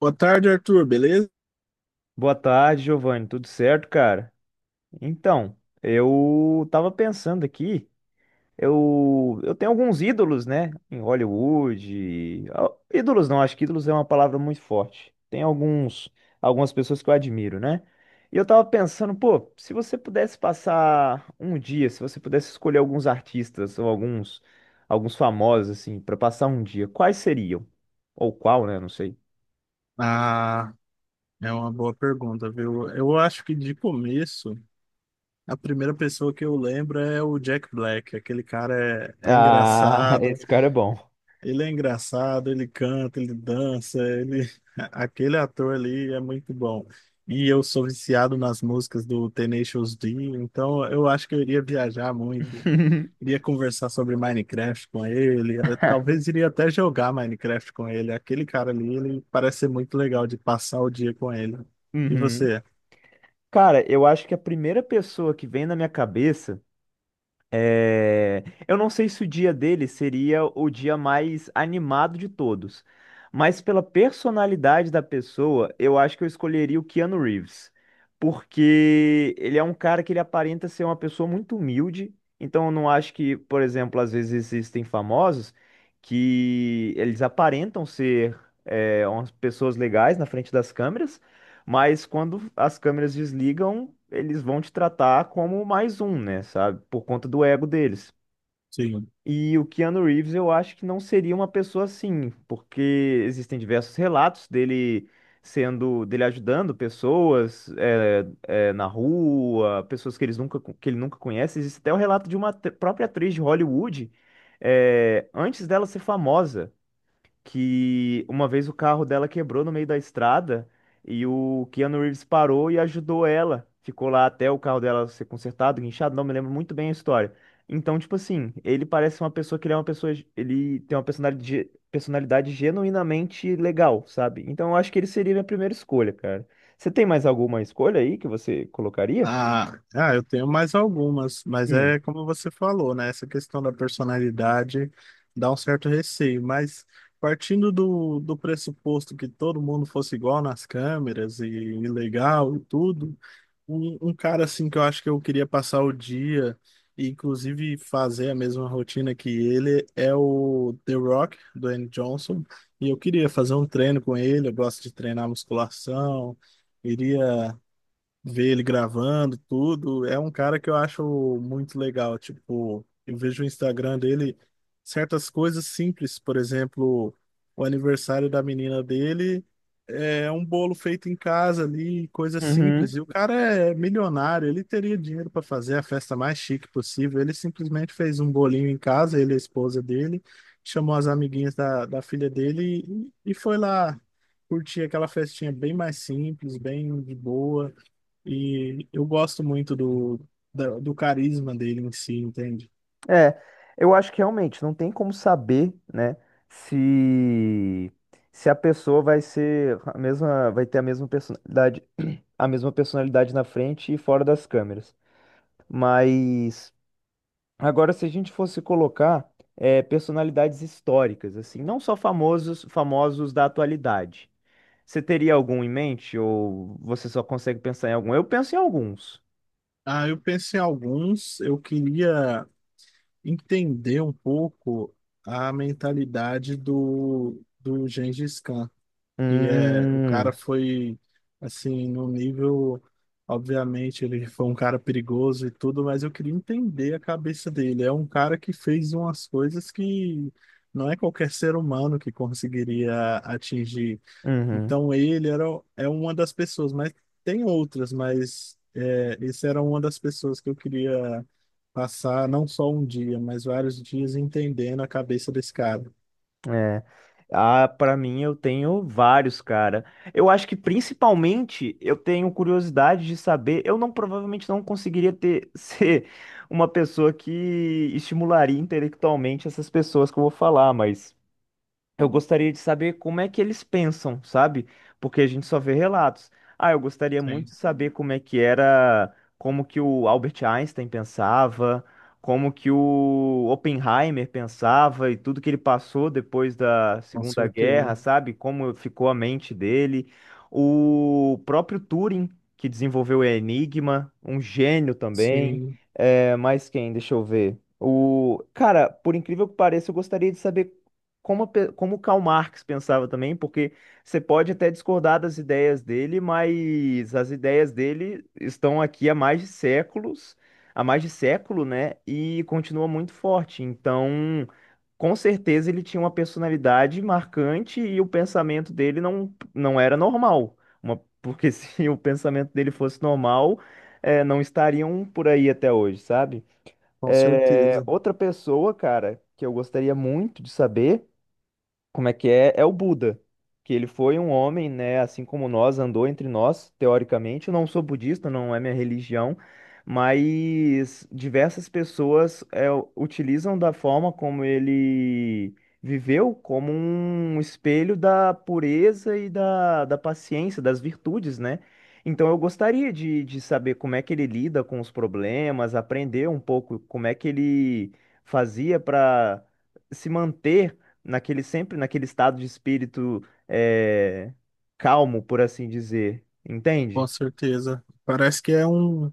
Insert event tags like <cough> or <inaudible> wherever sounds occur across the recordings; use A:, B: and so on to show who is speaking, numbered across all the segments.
A: Boa tarde, Arthur, beleza?
B: Boa tarde, Giovanni. Tudo certo, cara? Então, eu tava pensando aqui, eu tenho alguns ídolos, né? Em Hollywood. Ídolos não, acho que ídolos é uma palavra muito forte. Tem alguns, algumas pessoas que eu admiro, né? E eu tava pensando, pô, se você pudesse passar um dia, se você pudesse escolher alguns artistas ou alguns, alguns famosos, assim, pra passar um dia, quais seriam? Ou qual, né? Não sei.
A: Ah, é uma boa pergunta, viu? Eu acho que de começo, a primeira pessoa que eu lembro é o Jack Black. Aquele cara é
B: Ah, <laughs>
A: engraçado.
B: esse cara é bom.
A: Ele é engraçado, ele canta, ele dança, ele... <laughs> Aquele ator ali é muito bom. E eu sou viciado nas músicas do Tenacious D, então eu acho que eu iria viajar muito.
B: <laughs>
A: Iria conversar sobre Minecraft com ele, eu talvez iria até jogar Minecraft com ele. Aquele cara ali, ele parece ser muito legal de passar o dia com ele. E
B: Uhum.
A: você?
B: Cara, eu acho que a primeira pessoa que vem na minha cabeça é. Eu não sei se o dia dele seria o dia mais animado de todos, mas pela personalidade da pessoa, eu acho que eu escolheria o Keanu Reeves, porque ele é um cara que ele aparenta ser uma pessoa muito humilde, então eu não acho que, por exemplo, às vezes existem famosos que eles aparentam ser. Umas pessoas legais na frente das câmeras, mas quando as câmeras desligam, eles vão te tratar como mais um, né, sabe? Por conta do ego deles.
A: Sim.
B: E o Keanu Reeves, eu acho que não seria uma pessoa assim, porque existem diversos relatos dele sendo, dele ajudando pessoas na rua, pessoas que, eles nunca, que ele nunca conhece. Existe até o relato de uma própria atriz de Hollywood, antes dela ser famosa, que uma vez o carro dela quebrou no meio da estrada e o Keanu Reeves parou e ajudou ela. Ficou lá até o carro dela ser consertado, guinchado, não me lembro muito bem a história. Então, tipo assim, ele parece uma pessoa que ele é uma pessoa, ele tem uma personalidade, personalidade genuinamente legal, sabe? Então, eu acho que ele seria minha primeira escolha, cara. Você tem mais alguma escolha aí que você colocaria?
A: Ah, eu tenho mais algumas, mas
B: Hum.
A: é como você falou, né? Essa questão da personalidade dá um certo receio, mas partindo do pressuposto que todo mundo fosse igual nas câmeras e legal e tudo, um cara assim que eu acho que eu queria passar o dia e inclusive fazer a mesma rotina que ele é o The Rock, do Dwayne Johnson, e eu queria fazer um treino com ele, eu gosto de treinar musculação, iria ver ele gravando tudo. É um cara que eu acho muito legal. Tipo, eu vejo o Instagram dele, certas coisas simples, por exemplo, o aniversário da menina dele é um bolo feito em casa ali, coisa simples.
B: Uhum.
A: E o cara é milionário, ele teria dinheiro para fazer a festa mais chique possível. Ele simplesmente fez um bolinho em casa, ele e a esposa dele, chamou as amiguinhas da filha dele e foi lá. Curtir aquela festinha bem mais simples, bem de boa. E eu gosto muito do carisma dele em si, entende?
B: É, eu acho que realmente não tem como saber, né, se se a pessoa vai ser a mesma, vai ter a mesma personalidade na frente e fora das câmeras. Mas agora, se a gente fosse colocar personalidades históricas, assim, não só famosos, famosos da atualidade. Você teria algum em mente ou você só consegue pensar em algum? Eu penso em alguns.
A: Ah, eu penso em alguns, eu queria entender um pouco a mentalidade do Gengis Khan, que é, o cara
B: Hum,
A: foi, assim, no nível, obviamente, ele foi um cara perigoso e tudo, mas eu queria entender a cabeça dele. É um cara que fez umas coisas que não é qualquer ser humano que conseguiria atingir.
B: uhum.
A: Então ele era, é uma das pessoas, mas tem outras, mas é, esse era uma das pessoas que eu queria passar não só um dia, mas vários dias entendendo a cabeça desse cara.
B: É. Ah, para mim eu tenho vários, cara. Eu acho que principalmente eu tenho curiosidade de saber. Eu não, provavelmente não conseguiria ter <laughs> ser uma pessoa que estimularia intelectualmente essas pessoas que eu vou falar, mas eu gostaria de saber como é que eles pensam, sabe? Porque a gente só vê relatos. Ah, eu gostaria muito
A: Sim,
B: de saber como é que era, como que o Albert Einstein pensava, como que o Oppenheimer pensava e tudo que ele passou depois da
A: com
B: Segunda Guerra,
A: certeza.
B: sabe? Como ficou a mente dele. O próprio Turing, que desenvolveu o Enigma, um gênio também.
A: Sim,
B: É, mais quem? Deixa eu ver. O cara, por incrível que pareça, eu gostaria de saber como, a como o Karl Marx pensava também, porque você pode até discordar das ideias dele, mas as ideias dele estão aqui há mais de séculos, há mais de século, né? E continua muito forte. Então, com certeza ele tinha uma personalidade marcante e o pensamento dele não, não era normal. Porque <laughs> se o pensamento dele fosse normal, não estariam por aí até hoje, sabe?
A: com certeza.
B: Outra pessoa, cara, que eu gostaria muito de saber como é que é? É o Buda, que ele foi um homem, né, assim como nós, andou entre nós, teoricamente. Eu não sou budista, não é minha religião, mas diversas pessoas utilizam da forma como ele viveu como um espelho da pureza e da, da paciência, das virtudes, né? Então eu gostaria de saber como é que ele lida com os problemas, aprender um pouco como é que ele fazia para se manter naquele sempre naquele estado de espírito calmo, por assim dizer,
A: Com
B: entende?
A: certeza. Parece que é um,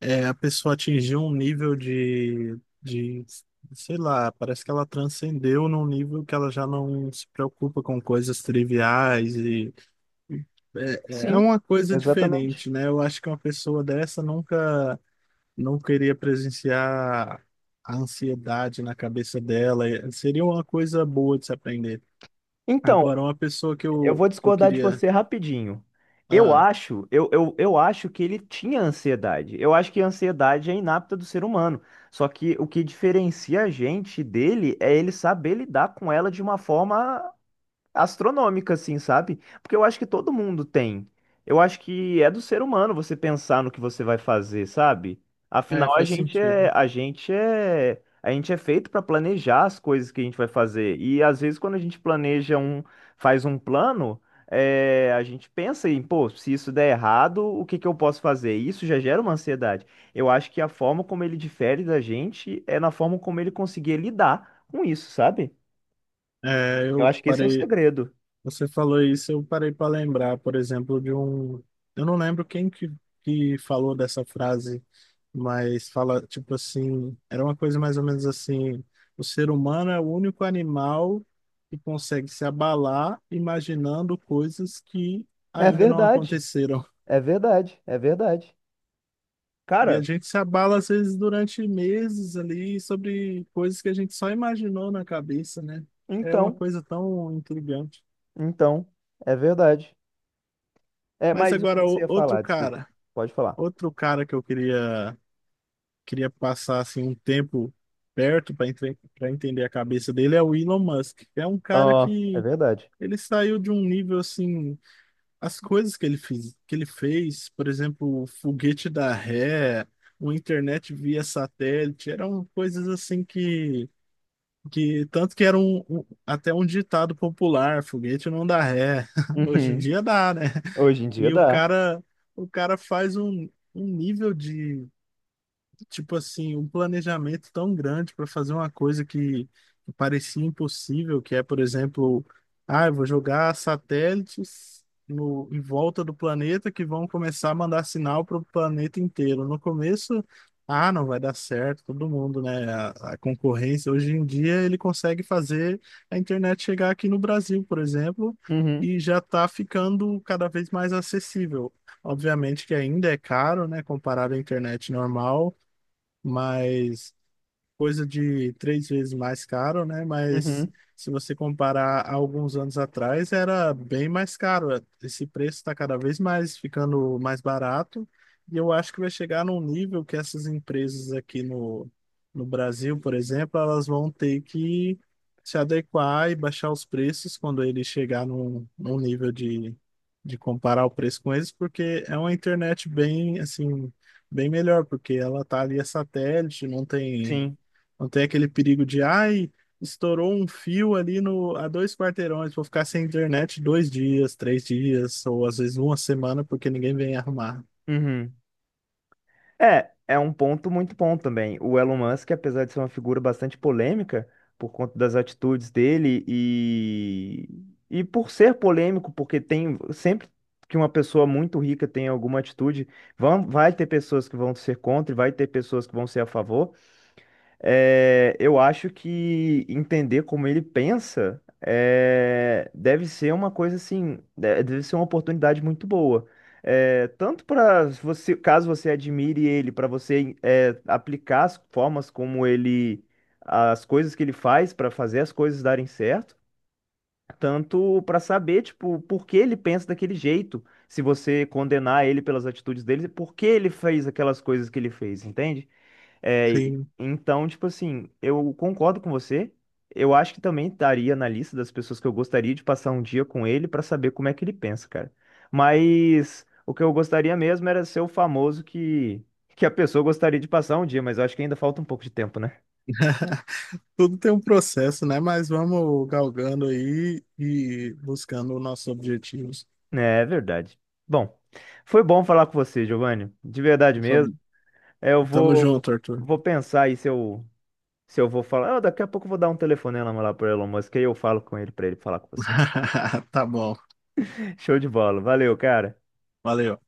A: é, a pessoa atingiu um nível de sei lá, parece que ela transcendeu num nível que ela já não se preocupa com coisas triviais e é, é
B: Sim,
A: uma coisa
B: exatamente.
A: diferente, né? Eu acho que uma pessoa dessa nunca não queria presenciar a ansiedade na cabeça dela. E seria uma coisa boa de se aprender.
B: Então,
A: Agora, uma pessoa que
B: eu
A: eu,
B: vou
A: que eu
B: discordar de
A: queria.
B: você rapidinho. Eu
A: Ah,
B: acho, eu, eu, eu acho que ele tinha ansiedade. Eu acho que a ansiedade é inapta do ser humano. Só que o que diferencia a gente dele é ele saber lidar com ela de uma forma astronômica, assim, sabe? Porque eu acho que todo mundo tem. Eu acho que é do ser humano você pensar no que você vai fazer, sabe?
A: é,
B: Afinal, a
A: faz
B: gente é,
A: sentido.
B: a gente é, a gente é feito para planejar as coisas que a gente vai fazer. E às vezes quando a gente planeja um, faz um plano, a gente pensa em, pô, se isso der errado, o que que eu posso fazer? E isso já gera uma ansiedade. Eu acho que a forma como ele difere da gente é na forma como ele conseguir lidar com isso, sabe?
A: É,
B: Eu
A: eu
B: acho que esse é o
A: parei.
B: segredo.
A: Você falou isso, eu parei para lembrar, por exemplo, de um. Eu não lembro quem que falou dessa frase, mas fala, tipo assim, era uma coisa mais ou menos assim: o ser humano é o único animal que consegue se abalar imaginando coisas que
B: É
A: ainda não
B: verdade,
A: aconteceram.
B: é verdade, é verdade.
A: E
B: Cara,
A: a gente se abala, às vezes, durante meses ali, sobre coisas que a gente só imaginou na cabeça, né? É uma
B: então,
A: coisa tão intrigante.
B: então, é verdade. É,
A: Mas
B: mas o que
A: agora,
B: você ia
A: outro
B: falar, desculpa,
A: cara.
B: pode falar.
A: Outro cara que eu queria passar assim um tempo perto para entender a cabeça dele é o Elon Musk. É um cara
B: Ó, é
A: que
B: verdade.
A: ele saiu de um nível assim, as coisas que ele fez, por exemplo, o foguete da ré, o internet via satélite, eram coisas assim que tanto que era um até um ditado popular, foguete não dá ré. <laughs> Hoje em
B: Uhum.
A: dia dá, né?
B: Hoje em dia
A: E
B: dá.
A: o cara faz um nível, tipo assim, um planejamento tão grande para fazer uma coisa que parecia impossível, que é, por exemplo, ah, eu vou jogar satélites no, em volta do planeta que vão começar a mandar sinal para o planeta inteiro. No começo, ah, não vai dar certo, todo mundo, né? A concorrência. Hoje em dia ele consegue fazer a internet chegar aqui no Brasil, por exemplo,
B: Uhum,
A: e já está ficando cada vez mais acessível. Obviamente que ainda é caro, né, comparado à internet normal, mas coisa de 3 vezes mais caro, né? Mas
B: uhum,
A: se você comparar a alguns anos atrás, era bem mais caro. Esse preço está cada vez mais ficando mais barato. E eu acho que vai chegar num nível que essas empresas aqui no Brasil, por exemplo, elas vão ter que se adequar e baixar os preços quando ele chegar num nível de comparar o preço com eles, porque é uma internet bem, assim, bem melhor, porque ela tá ali a satélite,
B: sim.
A: não tem aquele perigo de, ai, estourou um fio ali no, a 2 quarteirões, vou ficar sem internet 2 dias, 3 dias, ou às vezes uma semana, porque ninguém vem arrumar.
B: Uhum. É, é um ponto muito bom também. O Elon Musk, apesar de ser uma figura bastante polêmica por conta das atitudes dele e por ser polêmico, porque tem sempre que uma pessoa muito rica tem alguma atitude, vão, vai ter pessoas que vão ser contra e vai ter pessoas que vão ser a favor. É, eu acho que entender como ele pensa é, deve ser uma coisa assim, deve ser uma oportunidade muito boa. É, tanto para você, caso você admire ele, para você aplicar as formas como ele, as coisas que ele faz para fazer as coisas darem certo, tanto para saber, tipo, por que ele pensa daquele jeito, se você condenar ele pelas atitudes dele, por que ele fez aquelas coisas que ele fez, entende? É,
A: Sim.
B: então, tipo assim, eu concordo com você. Eu acho que também estaria na lista das pessoas que eu gostaria de passar um dia com ele pra saber como é que ele pensa, cara. Mas o que eu gostaria mesmo era ser o famoso que a pessoa gostaria de passar um dia, mas eu acho que ainda falta um pouco de tempo, né?
A: <laughs> Tudo tem um processo, né? Mas vamos galgando aí e buscando os nossos objetivos.
B: É, é verdade. Bom, foi bom falar com você, Giovanni. De verdade mesmo. É, eu
A: Tamo
B: vou,
A: junto, Arthur.
B: vou pensar aí se eu, se eu vou falar. Ah, daqui a pouco eu vou dar um telefonema lá pro Elon Musk, aí eu falo com ele pra ele falar com você.
A: <laughs> Tá bom.
B: Show de bola. Valeu, cara.
A: Valeu.